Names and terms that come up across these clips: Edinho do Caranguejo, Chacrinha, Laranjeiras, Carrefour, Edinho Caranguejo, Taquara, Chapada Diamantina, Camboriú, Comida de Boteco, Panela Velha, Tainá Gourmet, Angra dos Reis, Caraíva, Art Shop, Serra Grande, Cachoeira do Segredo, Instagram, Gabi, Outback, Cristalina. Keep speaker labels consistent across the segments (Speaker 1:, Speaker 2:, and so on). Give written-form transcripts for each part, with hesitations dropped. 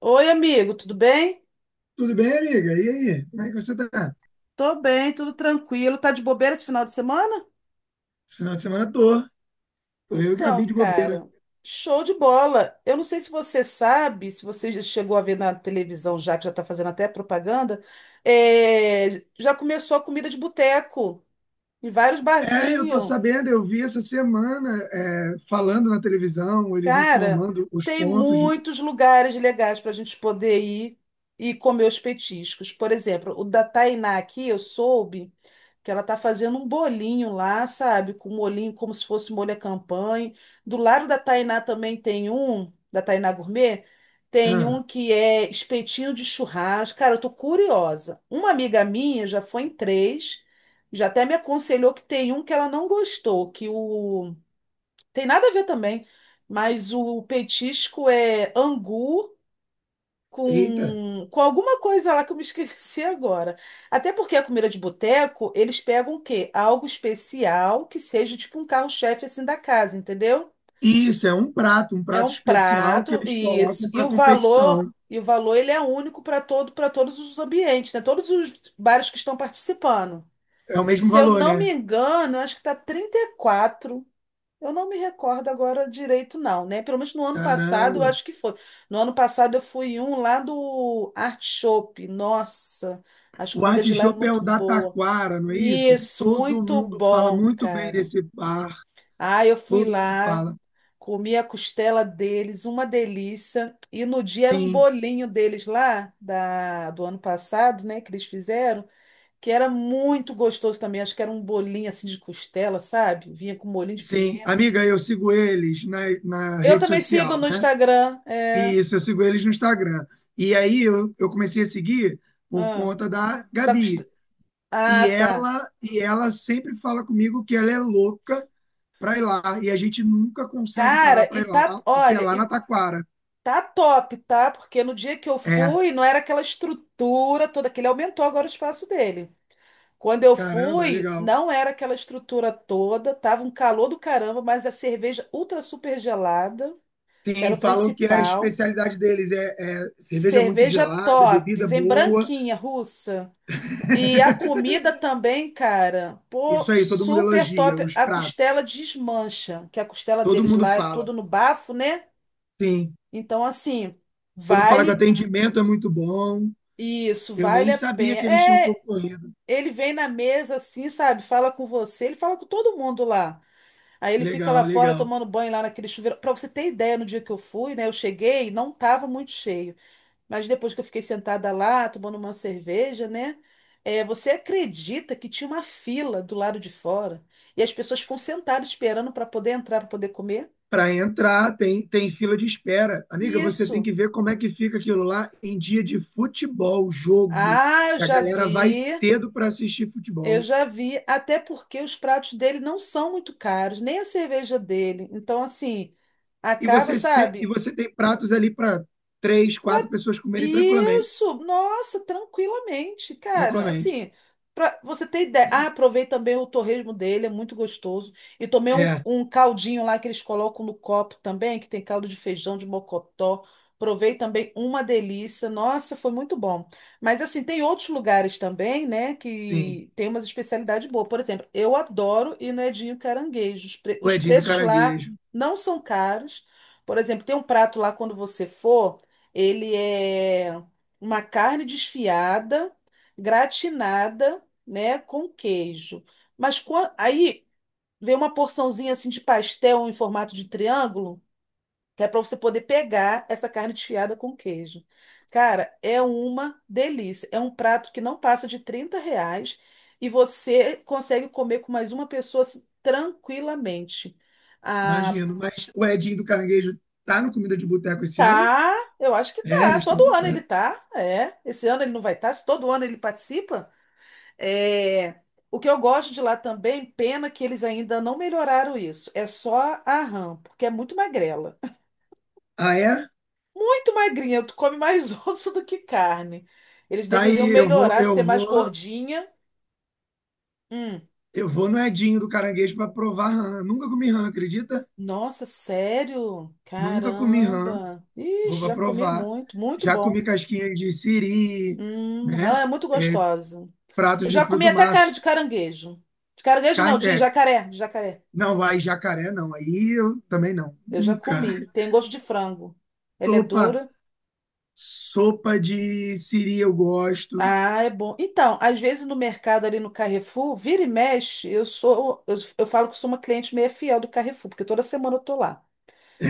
Speaker 1: Oi, amigo, tudo bem?
Speaker 2: Tudo bem, amiga? E aí? Como é que você tá?
Speaker 1: Tô bem, tudo tranquilo. Tá de bobeira esse final de semana?
Speaker 2: Esse final de semana tô. Tô eu e Gabi
Speaker 1: Então,
Speaker 2: de bobeira.
Speaker 1: cara, show de bola. Eu não sei se você sabe, se você já chegou a ver na televisão já, que já tá fazendo até propaganda, é, já começou a comida de boteco em vários
Speaker 2: Eu tô
Speaker 1: barzinhos.
Speaker 2: sabendo, eu vi essa semana falando na televisão, eles
Speaker 1: Cara,
Speaker 2: informando os
Speaker 1: tem
Speaker 2: pontos de.
Speaker 1: muitos lugares legais para a gente poder ir e comer os petiscos. Por exemplo, o da Tainá aqui, eu soube que ela tá fazendo um bolinho lá, sabe? Com molhinho, como se fosse molho à campanha. Do lado da Tainá também tem um, da Tainá Gourmet, tem
Speaker 2: Ah,
Speaker 1: um que é espetinho de churrasco. Cara, eu tô curiosa. Uma amiga minha já foi em três, já até me aconselhou que tem um que ela não gostou, que o tem nada a ver também, mas o petisco é angu
Speaker 2: eita!
Speaker 1: com alguma coisa lá que eu me esqueci agora. Até porque a comida de boteco, eles pegam o quê? Algo especial que seja tipo um carro-chefe assim da casa, entendeu?
Speaker 2: Isso, é um
Speaker 1: É
Speaker 2: prato
Speaker 1: um
Speaker 2: especial que
Speaker 1: prato
Speaker 2: eles
Speaker 1: e isso.
Speaker 2: colocam para competição.
Speaker 1: E o valor ele é único para todo, para todos os ambientes, né? Todos os bares que estão participando.
Speaker 2: É o mesmo
Speaker 1: Se eu
Speaker 2: valor,
Speaker 1: não
Speaker 2: né?
Speaker 1: me engano, eu acho que tá 34. Eu não me recordo agora direito, não, né? Pelo menos no ano passado, eu
Speaker 2: Caramba!
Speaker 1: acho que foi. No ano passado, eu fui em um lá do Art Shop. Nossa, as
Speaker 2: O
Speaker 1: comidas de lá é
Speaker 2: artichope é
Speaker 1: muito
Speaker 2: o da
Speaker 1: boa.
Speaker 2: Taquara, não é isso?
Speaker 1: Isso,
Speaker 2: Todo
Speaker 1: muito
Speaker 2: mundo fala
Speaker 1: bom,
Speaker 2: muito bem
Speaker 1: cara.
Speaker 2: desse bar,
Speaker 1: Ah, eu fui
Speaker 2: todo mundo
Speaker 1: lá,
Speaker 2: fala.
Speaker 1: comi a costela deles, uma delícia. E no dia era um
Speaker 2: Sim.
Speaker 1: bolinho deles lá, da, do ano passado, né, que eles fizeram, que era muito gostoso também. Acho que era um bolinho assim de costela, sabe? Vinha com molhinho de
Speaker 2: Sim,
Speaker 1: pimenta.
Speaker 2: amiga, eu sigo eles na
Speaker 1: Eu
Speaker 2: rede
Speaker 1: também sigo
Speaker 2: social,
Speaker 1: no
Speaker 2: né?
Speaker 1: Instagram. É.
Speaker 2: E isso, eu sigo eles no Instagram. E aí eu comecei a seguir por
Speaker 1: Ah,
Speaker 2: conta da
Speaker 1: da Costa-
Speaker 2: Gabi. E
Speaker 1: ah, tá.
Speaker 2: ela, e ela sempre fala comigo que ela é louca para ir lá. E a gente nunca consegue parar
Speaker 1: Cara, e
Speaker 2: para ir lá,
Speaker 1: tá,
Speaker 2: porque é
Speaker 1: olha,
Speaker 2: lá na
Speaker 1: e
Speaker 2: Taquara.
Speaker 1: tá top, tá? Porque no dia que eu
Speaker 2: É,
Speaker 1: fui, não era aquela estrutura toda, que ele aumentou agora o espaço dele. Quando eu
Speaker 2: caramba,
Speaker 1: fui,
Speaker 2: legal.
Speaker 1: não era aquela estrutura toda, tava um calor do caramba, mas a cerveja ultra super gelada, que era
Speaker 2: Sim,
Speaker 1: o
Speaker 2: falam que a
Speaker 1: principal.
Speaker 2: especialidade deles é cerveja muito
Speaker 1: Cerveja
Speaker 2: gelada,
Speaker 1: top,
Speaker 2: bebida
Speaker 1: vem
Speaker 2: boa.
Speaker 1: branquinha, russa. E a comida também, cara, pô,
Speaker 2: Isso aí, todo mundo
Speaker 1: super
Speaker 2: elogia
Speaker 1: top.
Speaker 2: os
Speaker 1: A
Speaker 2: pratos.
Speaker 1: costela desmancha, que a costela
Speaker 2: Todo
Speaker 1: deles
Speaker 2: mundo
Speaker 1: lá é
Speaker 2: fala.
Speaker 1: tudo no bafo, né?
Speaker 2: Sim.
Speaker 1: Então, assim,
Speaker 2: Quando fala que o
Speaker 1: vale
Speaker 2: atendimento é muito bom,
Speaker 1: isso,
Speaker 2: eu
Speaker 1: vale
Speaker 2: nem
Speaker 1: a
Speaker 2: sabia
Speaker 1: pena.
Speaker 2: que eles tinham
Speaker 1: É,
Speaker 2: concorrido.
Speaker 1: ele vem na mesa assim, sabe? Fala com você, ele fala com todo mundo lá. Aí ele fica lá
Speaker 2: Legal,
Speaker 1: fora
Speaker 2: legal.
Speaker 1: tomando banho lá naquele chuveiro. Pra você ter ideia, no dia que eu fui, né? Eu cheguei, não tava muito cheio. Mas depois que eu fiquei sentada lá, tomando uma cerveja, né? Você acredita que tinha uma fila do lado de fora e as pessoas ficam sentadas esperando para poder entrar, para poder comer?
Speaker 2: Para entrar, tem fila de espera. Amiga, você tem
Speaker 1: Isso.
Speaker 2: que ver como é que fica aquilo lá em dia de futebol, jogo,
Speaker 1: Ah, eu
Speaker 2: que a
Speaker 1: já
Speaker 2: galera vai
Speaker 1: vi,
Speaker 2: cedo para assistir
Speaker 1: eu
Speaker 2: futebol.
Speaker 1: já vi. Até porque os pratos dele não são muito caros, nem a cerveja dele. Então, assim,
Speaker 2: E
Speaker 1: acaba,
Speaker 2: você, se- E
Speaker 1: sabe?
Speaker 2: você tem pratos ali para três, quatro
Speaker 1: Pra-
Speaker 2: pessoas comerem tranquilamente.
Speaker 1: Isso, nossa, tranquilamente, cara.
Speaker 2: Tranquilamente.
Speaker 1: Assim, pra você ter ideia. Ah, provei também o torresmo dele, é muito gostoso. E tomei um,
Speaker 2: É,
Speaker 1: um caldinho lá que eles colocam no copo também, que tem caldo de feijão de mocotó. Provei também uma delícia. Nossa, foi muito bom. Mas assim, tem outros lugares também, né,
Speaker 2: sim.
Speaker 1: que tem umas especialidades boas. Por exemplo, eu adoro ir no Edinho Caranguejo.
Speaker 2: O
Speaker 1: Os
Speaker 2: Edinho do
Speaker 1: preços lá
Speaker 2: Caranguejo.
Speaker 1: não são caros. Por exemplo, tem um prato lá quando você for. Ele é uma carne desfiada, gratinada, né, com queijo. Aí vem uma porçãozinha assim de pastel em formato de triângulo, que é para você poder pegar essa carne desfiada com queijo. Cara, é uma delícia. É um prato que não passa de 30 reais e você consegue comer com mais uma pessoa assim, tranquilamente.
Speaker 2: Imagino. Mas o Edinho do Caranguejo tá no Comida de Boteco esse ano?
Speaker 1: Tá, eu acho que
Speaker 2: É,
Speaker 1: tá.
Speaker 2: eles
Speaker 1: Todo
Speaker 2: estão.
Speaker 1: ano ele tá, é. Esse ano ele não vai estar, se todo ano ele participa. É. O que eu gosto de lá também, pena que eles ainda não melhoraram isso. É só a rã, porque é muito magrela.
Speaker 2: Ah, é?
Speaker 1: Muito magrinha, tu come mais osso do que carne. Eles
Speaker 2: Tá
Speaker 1: deveriam
Speaker 2: aí,
Speaker 1: melhorar, ser mais gordinha. Hum.
Speaker 2: eu vou no Edinho do Caranguejo para provar rã. Nunca comi rã, acredita?
Speaker 1: Nossa, sério?
Speaker 2: Nunca comi rã.
Speaker 1: Caramba.
Speaker 2: Vou
Speaker 1: Ixi,
Speaker 2: para
Speaker 1: já comi
Speaker 2: provar.
Speaker 1: muito, muito
Speaker 2: Já comi
Speaker 1: bom.
Speaker 2: casquinha de siri, né?
Speaker 1: Rã é muito gostosa. Eu
Speaker 2: Pratos de
Speaker 1: já comi
Speaker 2: fruto do
Speaker 1: até
Speaker 2: mar.
Speaker 1: carne de caranguejo. De caranguejo não,
Speaker 2: Carne,
Speaker 1: de
Speaker 2: é,
Speaker 1: jacaré, de jacaré.
Speaker 2: não, aí jacaré não. Aí eu também não.
Speaker 1: Eu já
Speaker 2: Nunca.
Speaker 1: comi. Tem gosto de frango. Ela é
Speaker 2: Sopa,
Speaker 1: dura.
Speaker 2: sopa de siri eu gosto.
Speaker 1: Ah, é bom. Então, às vezes no mercado ali no Carrefour, vira e mexe, eu falo que sou uma cliente meio fiel do Carrefour, porque toda semana eu tô lá.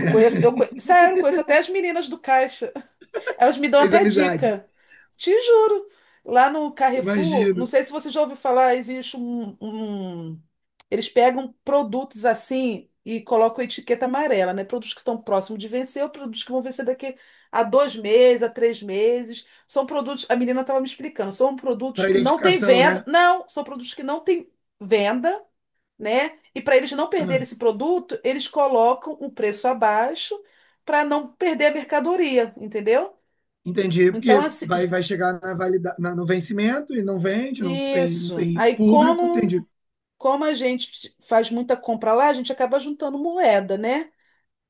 Speaker 1: Eu conheço, eu conhe- sério, eu conheço até as meninas do caixa. Elas me dão
Speaker 2: fez
Speaker 1: até
Speaker 2: amizade,
Speaker 1: dica. Te juro. Lá no Carrefour,
Speaker 2: imagino.
Speaker 1: não sei se você já ouviu falar, existe um. Eles pegam produtos assim e colocam etiqueta amarela, né? Produtos que estão próximos de vencer ou produtos que vão vencer daqui a 2 meses, a 3 meses. São produtos. A menina estava me explicando, são produtos
Speaker 2: Para
Speaker 1: que não têm
Speaker 2: identificação,
Speaker 1: venda.
Speaker 2: né?
Speaker 1: Não, são produtos que não têm venda, né? E para eles não perderem esse produto, eles colocam o preço abaixo para não perder a mercadoria, entendeu?
Speaker 2: Entendi,
Speaker 1: Então,
Speaker 2: porque
Speaker 1: assim,
Speaker 2: vai chegar na valida, na- no vencimento e não vende, não
Speaker 1: isso.
Speaker 2: tem público. Entendi,
Speaker 1: Como a gente faz muita compra lá, a gente acaba juntando moeda, né?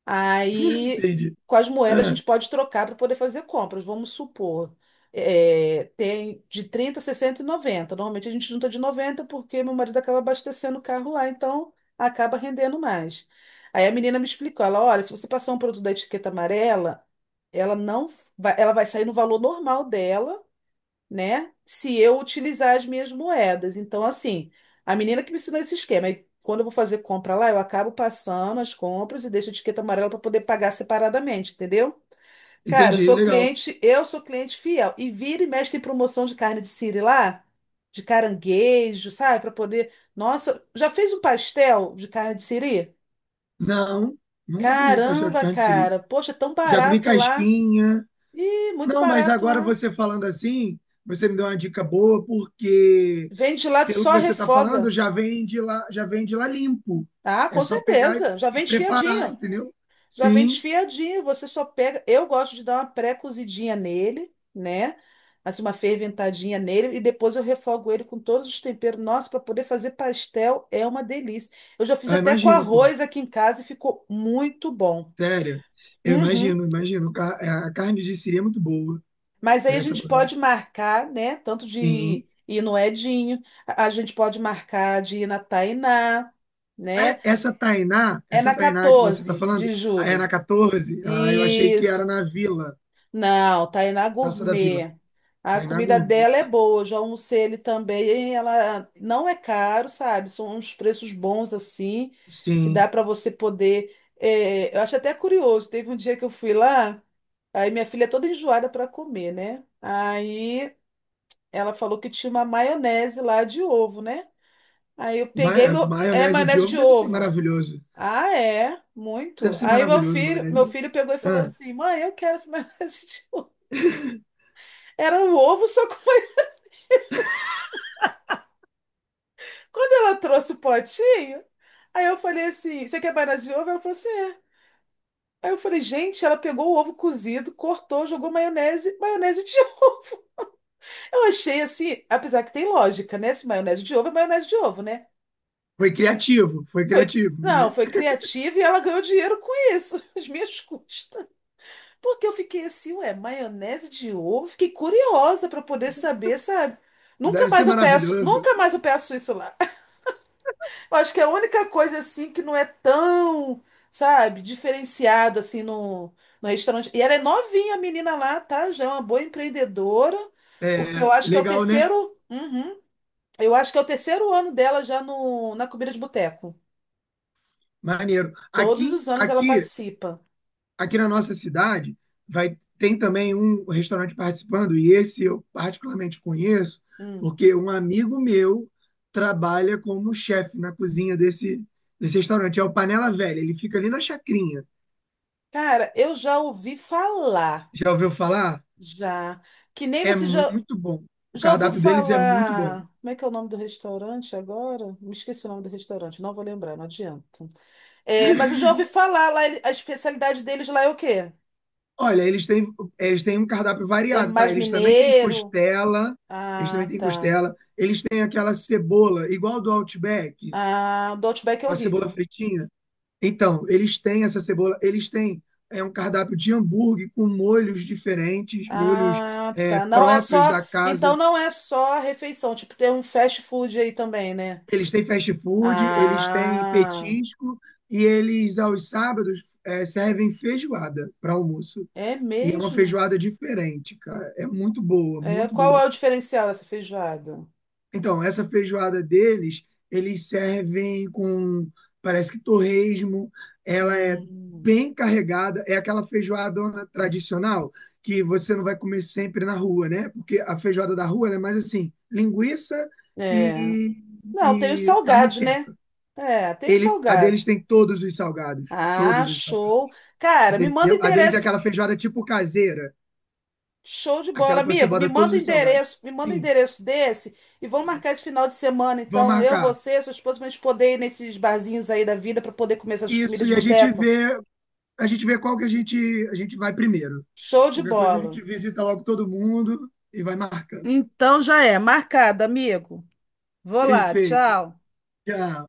Speaker 1: Aí,
Speaker 2: entendi.
Speaker 1: com as moedas, a
Speaker 2: Ah,
Speaker 1: gente pode trocar para poder fazer compras. Vamos supor, tem de 30, 60 e 90. Normalmente a gente junta de 90 porque meu marido acaba abastecendo o carro lá, então acaba rendendo mais. Aí a menina me explicou, ela, olha, se você passar um produto da etiqueta amarela, ela não vai, ela vai sair no valor normal dela, né? Se eu utilizar as minhas moedas. Então, assim, a menina que me ensinou esse esquema. E quando eu vou fazer compra lá, eu acabo passando as compras e deixo a etiqueta amarela para poder pagar separadamente, entendeu? Cara,
Speaker 2: entendi, legal.
Speaker 1: eu sou cliente fiel. E vira e mexe tem promoção de carne de siri lá, de caranguejo, sabe? Para poder. Nossa, já fez um pastel de carne de siri?
Speaker 2: Não, nunca comi pastel de
Speaker 1: Caramba,
Speaker 2: carne de siri.
Speaker 1: cara. Poxa, é tão
Speaker 2: Já comi
Speaker 1: barato lá.
Speaker 2: casquinha.
Speaker 1: Ih, muito
Speaker 2: Não, mas
Speaker 1: barato
Speaker 2: agora
Speaker 1: lá.
Speaker 2: você falando assim, você me deu uma dica boa, porque
Speaker 1: Vende lá,
Speaker 2: pelo que
Speaker 1: só
Speaker 2: você está falando,
Speaker 1: refoga.
Speaker 2: já vem de lá, já vem de lá limpo.
Speaker 1: Ah,
Speaker 2: É
Speaker 1: com
Speaker 2: só pegar
Speaker 1: certeza. Já
Speaker 2: e
Speaker 1: vem
Speaker 2: preparar,
Speaker 1: desfiadinho.
Speaker 2: entendeu?
Speaker 1: Já vem
Speaker 2: Sim,
Speaker 1: desfiadinho. Você só pega. Eu gosto de dar uma pré-cozidinha nele, né? Assim, uma ferventadinha nele. E depois eu refogo ele com todos os temperos. Nossa, para poder fazer pastel é uma delícia. Eu já fiz
Speaker 2: eu
Speaker 1: até com
Speaker 2: imagino, pô.
Speaker 1: arroz aqui em casa e ficou muito bom.
Speaker 2: Sério, eu
Speaker 1: Uhum.
Speaker 2: imagino, imagino. Ca- A carne de siri é muito boa.
Speaker 1: Mas aí
Speaker 2: Ela
Speaker 1: a
Speaker 2: é
Speaker 1: gente
Speaker 2: saborosa.
Speaker 1: pode marcar, né? Tanto
Speaker 2: Sim.
Speaker 1: de ir no Edinho, a gente pode marcar de ir na Tainá, né?
Speaker 2: Ah, essa Tainá,
Speaker 1: É
Speaker 2: essa
Speaker 1: na
Speaker 2: Tainá que você está
Speaker 1: 14 de
Speaker 2: falando, é
Speaker 1: julho.
Speaker 2: na 14? Ah, eu achei que era
Speaker 1: Isso,
Speaker 2: na Vila,
Speaker 1: Não, Tainá
Speaker 2: Praça da Vila.
Speaker 1: Gourmet. A
Speaker 2: Tainá
Speaker 1: comida
Speaker 2: Gourmet.
Speaker 1: dela é
Speaker 2: Tá.
Speaker 1: boa, eu já almocei ele também. E ela não é caro, sabe? São uns preços bons assim, que dá
Speaker 2: Sim.
Speaker 1: para você poder. Eu acho até curioso. Teve um dia que eu fui lá, aí minha filha é toda enjoada para comer, né? Aí ela falou que tinha uma maionese lá de ovo, né? Aí eu
Speaker 2: Ma-
Speaker 1: peguei
Speaker 2: é,
Speaker 1: meu. É
Speaker 2: maionese de
Speaker 1: maionese
Speaker 2: ovo
Speaker 1: de
Speaker 2: deve ser
Speaker 1: ovo.
Speaker 2: maravilhoso.
Speaker 1: Ah, é? Muito.
Speaker 2: Deve ser
Speaker 1: Aí
Speaker 2: maravilhoso, maionese
Speaker 1: meu
Speaker 2: de ovo.
Speaker 1: filho pegou e falou
Speaker 2: Ah,
Speaker 1: assim: mãe, eu quero essa maionese. Era um ovo, só com mais... Quando ela trouxe o potinho, aí eu falei assim: Você quer maionese de ovo? Ela falou assim: É. Aí eu falei: Gente, ela pegou o ovo cozido, cortou, jogou maionese, maionese de ovo. Eu achei assim, apesar que tem lógica, né? Se maionese de ovo é maionese de ovo, né?
Speaker 2: foi
Speaker 1: Foi.
Speaker 2: criativo,
Speaker 1: Não,
Speaker 2: né?
Speaker 1: foi criativa e ela ganhou dinheiro com isso, às minhas custas. Porque eu fiquei assim, ué, maionese de ovo? Fiquei curiosa para poder saber, sabe? Nunca
Speaker 2: Deve ser
Speaker 1: mais eu peço,
Speaker 2: maravilhoso.
Speaker 1: nunca mais eu peço isso lá. Eu acho que é a única coisa assim que não é tão, sabe, diferenciado assim no, no restaurante. E ela é novinha, a menina lá, tá? Já é uma boa empreendedora, porque
Speaker 2: É,
Speaker 1: eu acho que é o
Speaker 2: legal, né?
Speaker 1: terceiro, Uhum. eu acho que é o terceiro ano dela já no, na comida de boteco.
Speaker 2: Maneiro.
Speaker 1: Todos
Speaker 2: Aqui,
Speaker 1: os anos ela
Speaker 2: aqui
Speaker 1: participa.
Speaker 2: aqui na nossa cidade vai tem também um restaurante participando e esse eu particularmente conheço
Speaker 1: Hum.
Speaker 2: porque um amigo meu trabalha como chefe na cozinha desse restaurante. É o Panela Velha. Ele fica ali na Chacrinha.
Speaker 1: Cara, eu já ouvi falar,
Speaker 2: Já ouviu falar?
Speaker 1: já, que nem
Speaker 2: É
Speaker 1: você já,
Speaker 2: muito bom. O
Speaker 1: já ouviu
Speaker 2: cardápio deles é muito bom.
Speaker 1: falar. Como é que é o nome do restaurante agora? Me esqueci o nome do restaurante, não vou lembrar, não adianta. É, mas eu já ouvi falar lá, ele- a especialidade deles lá é o quê?
Speaker 2: Olha, eles têm um cardápio
Speaker 1: É
Speaker 2: variado, tá?
Speaker 1: mais
Speaker 2: Eles também têm
Speaker 1: mineiro?
Speaker 2: costela,
Speaker 1: Ah, tá.
Speaker 2: eles têm aquela cebola, igual do Outback,
Speaker 1: Ah, o do Outback é
Speaker 2: aquela cebola
Speaker 1: horrível.
Speaker 2: fritinha. Então, eles têm essa cebola, eles têm um cardápio de hambúrguer com molhos diferentes, molhos
Speaker 1: Ah, tá. Não é
Speaker 2: próprios
Speaker 1: só.
Speaker 2: da
Speaker 1: Então
Speaker 2: casa.
Speaker 1: não é só a refeição, tipo, tem um fast food aí também, né?
Speaker 2: Eles têm fast food, eles têm
Speaker 1: Ah,
Speaker 2: petisco e eles, aos sábados, servem feijoada para almoço.
Speaker 1: é
Speaker 2: E é uma
Speaker 1: mesmo?
Speaker 2: feijoada diferente, cara. É muito boa,
Speaker 1: É,
Speaker 2: muito
Speaker 1: qual
Speaker 2: boa.
Speaker 1: é o diferencial dessa feijoada?
Speaker 2: Então, essa feijoada deles, eles servem com, parece que torresmo, ela é
Speaker 1: Hum,
Speaker 2: bem carregada, é aquela feijoadona tradicional que você não vai comer sempre na rua, né? Porque a feijoada da rua ela é mais assim, linguiça
Speaker 1: é.
Speaker 2: e,
Speaker 1: Não, tem os
Speaker 2: e carne
Speaker 1: salgados, né?
Speaker 2: seca.
Speaker 1: É, tem os
Speaker 2: A deles
Speaker 1: salgados.
Speaker 2: tem
Speaker 1: Ah,
Speaker 2: todos os salgados,
Speaker 1: show. Cara, me manda o
Speaker 2: entendeu? A deles é
Speaker 1: endereço.
Speaker 2: aquela feijoada tipo caseira,
Speaker 1: Show de bola,
Speaker 2: aquela que você
Speaker 1: amigo. Me
Speaker 2: bota todos
Speaker 1: manda o
Speaker 2: os salgados.
Speaker 1: endereço, me manda o
Speaker 2: Sim,
Speaker 1: endereço desse e vamos marcar esse final de semana,
Speaker 2: vamos
Speaker 1: então. Eu,
Speaker 2: marcar.
Speaker 1: você, sua esposa, pra gente poder ir nesses barzinhos aí da vida para poder comer essas
Speaker 2: Isso,
Speaker 1: comidas de
Speaker 2: e
Speaker 1: boteco.
Speaker 2: a gente vê qual que a gente vai primeiro.
Speaker 1: Show de
Speaker 2: Qualquer coisa a
Speaker 1: bola.
Speaker 2: gente visita logo todo mundo e vai marcando.
Speaker 1: Então já é, marcado, amigo. Vou lá,
Speaker 2: Perfeito.
Speaker 1: tchau.
Speaker 2: Já.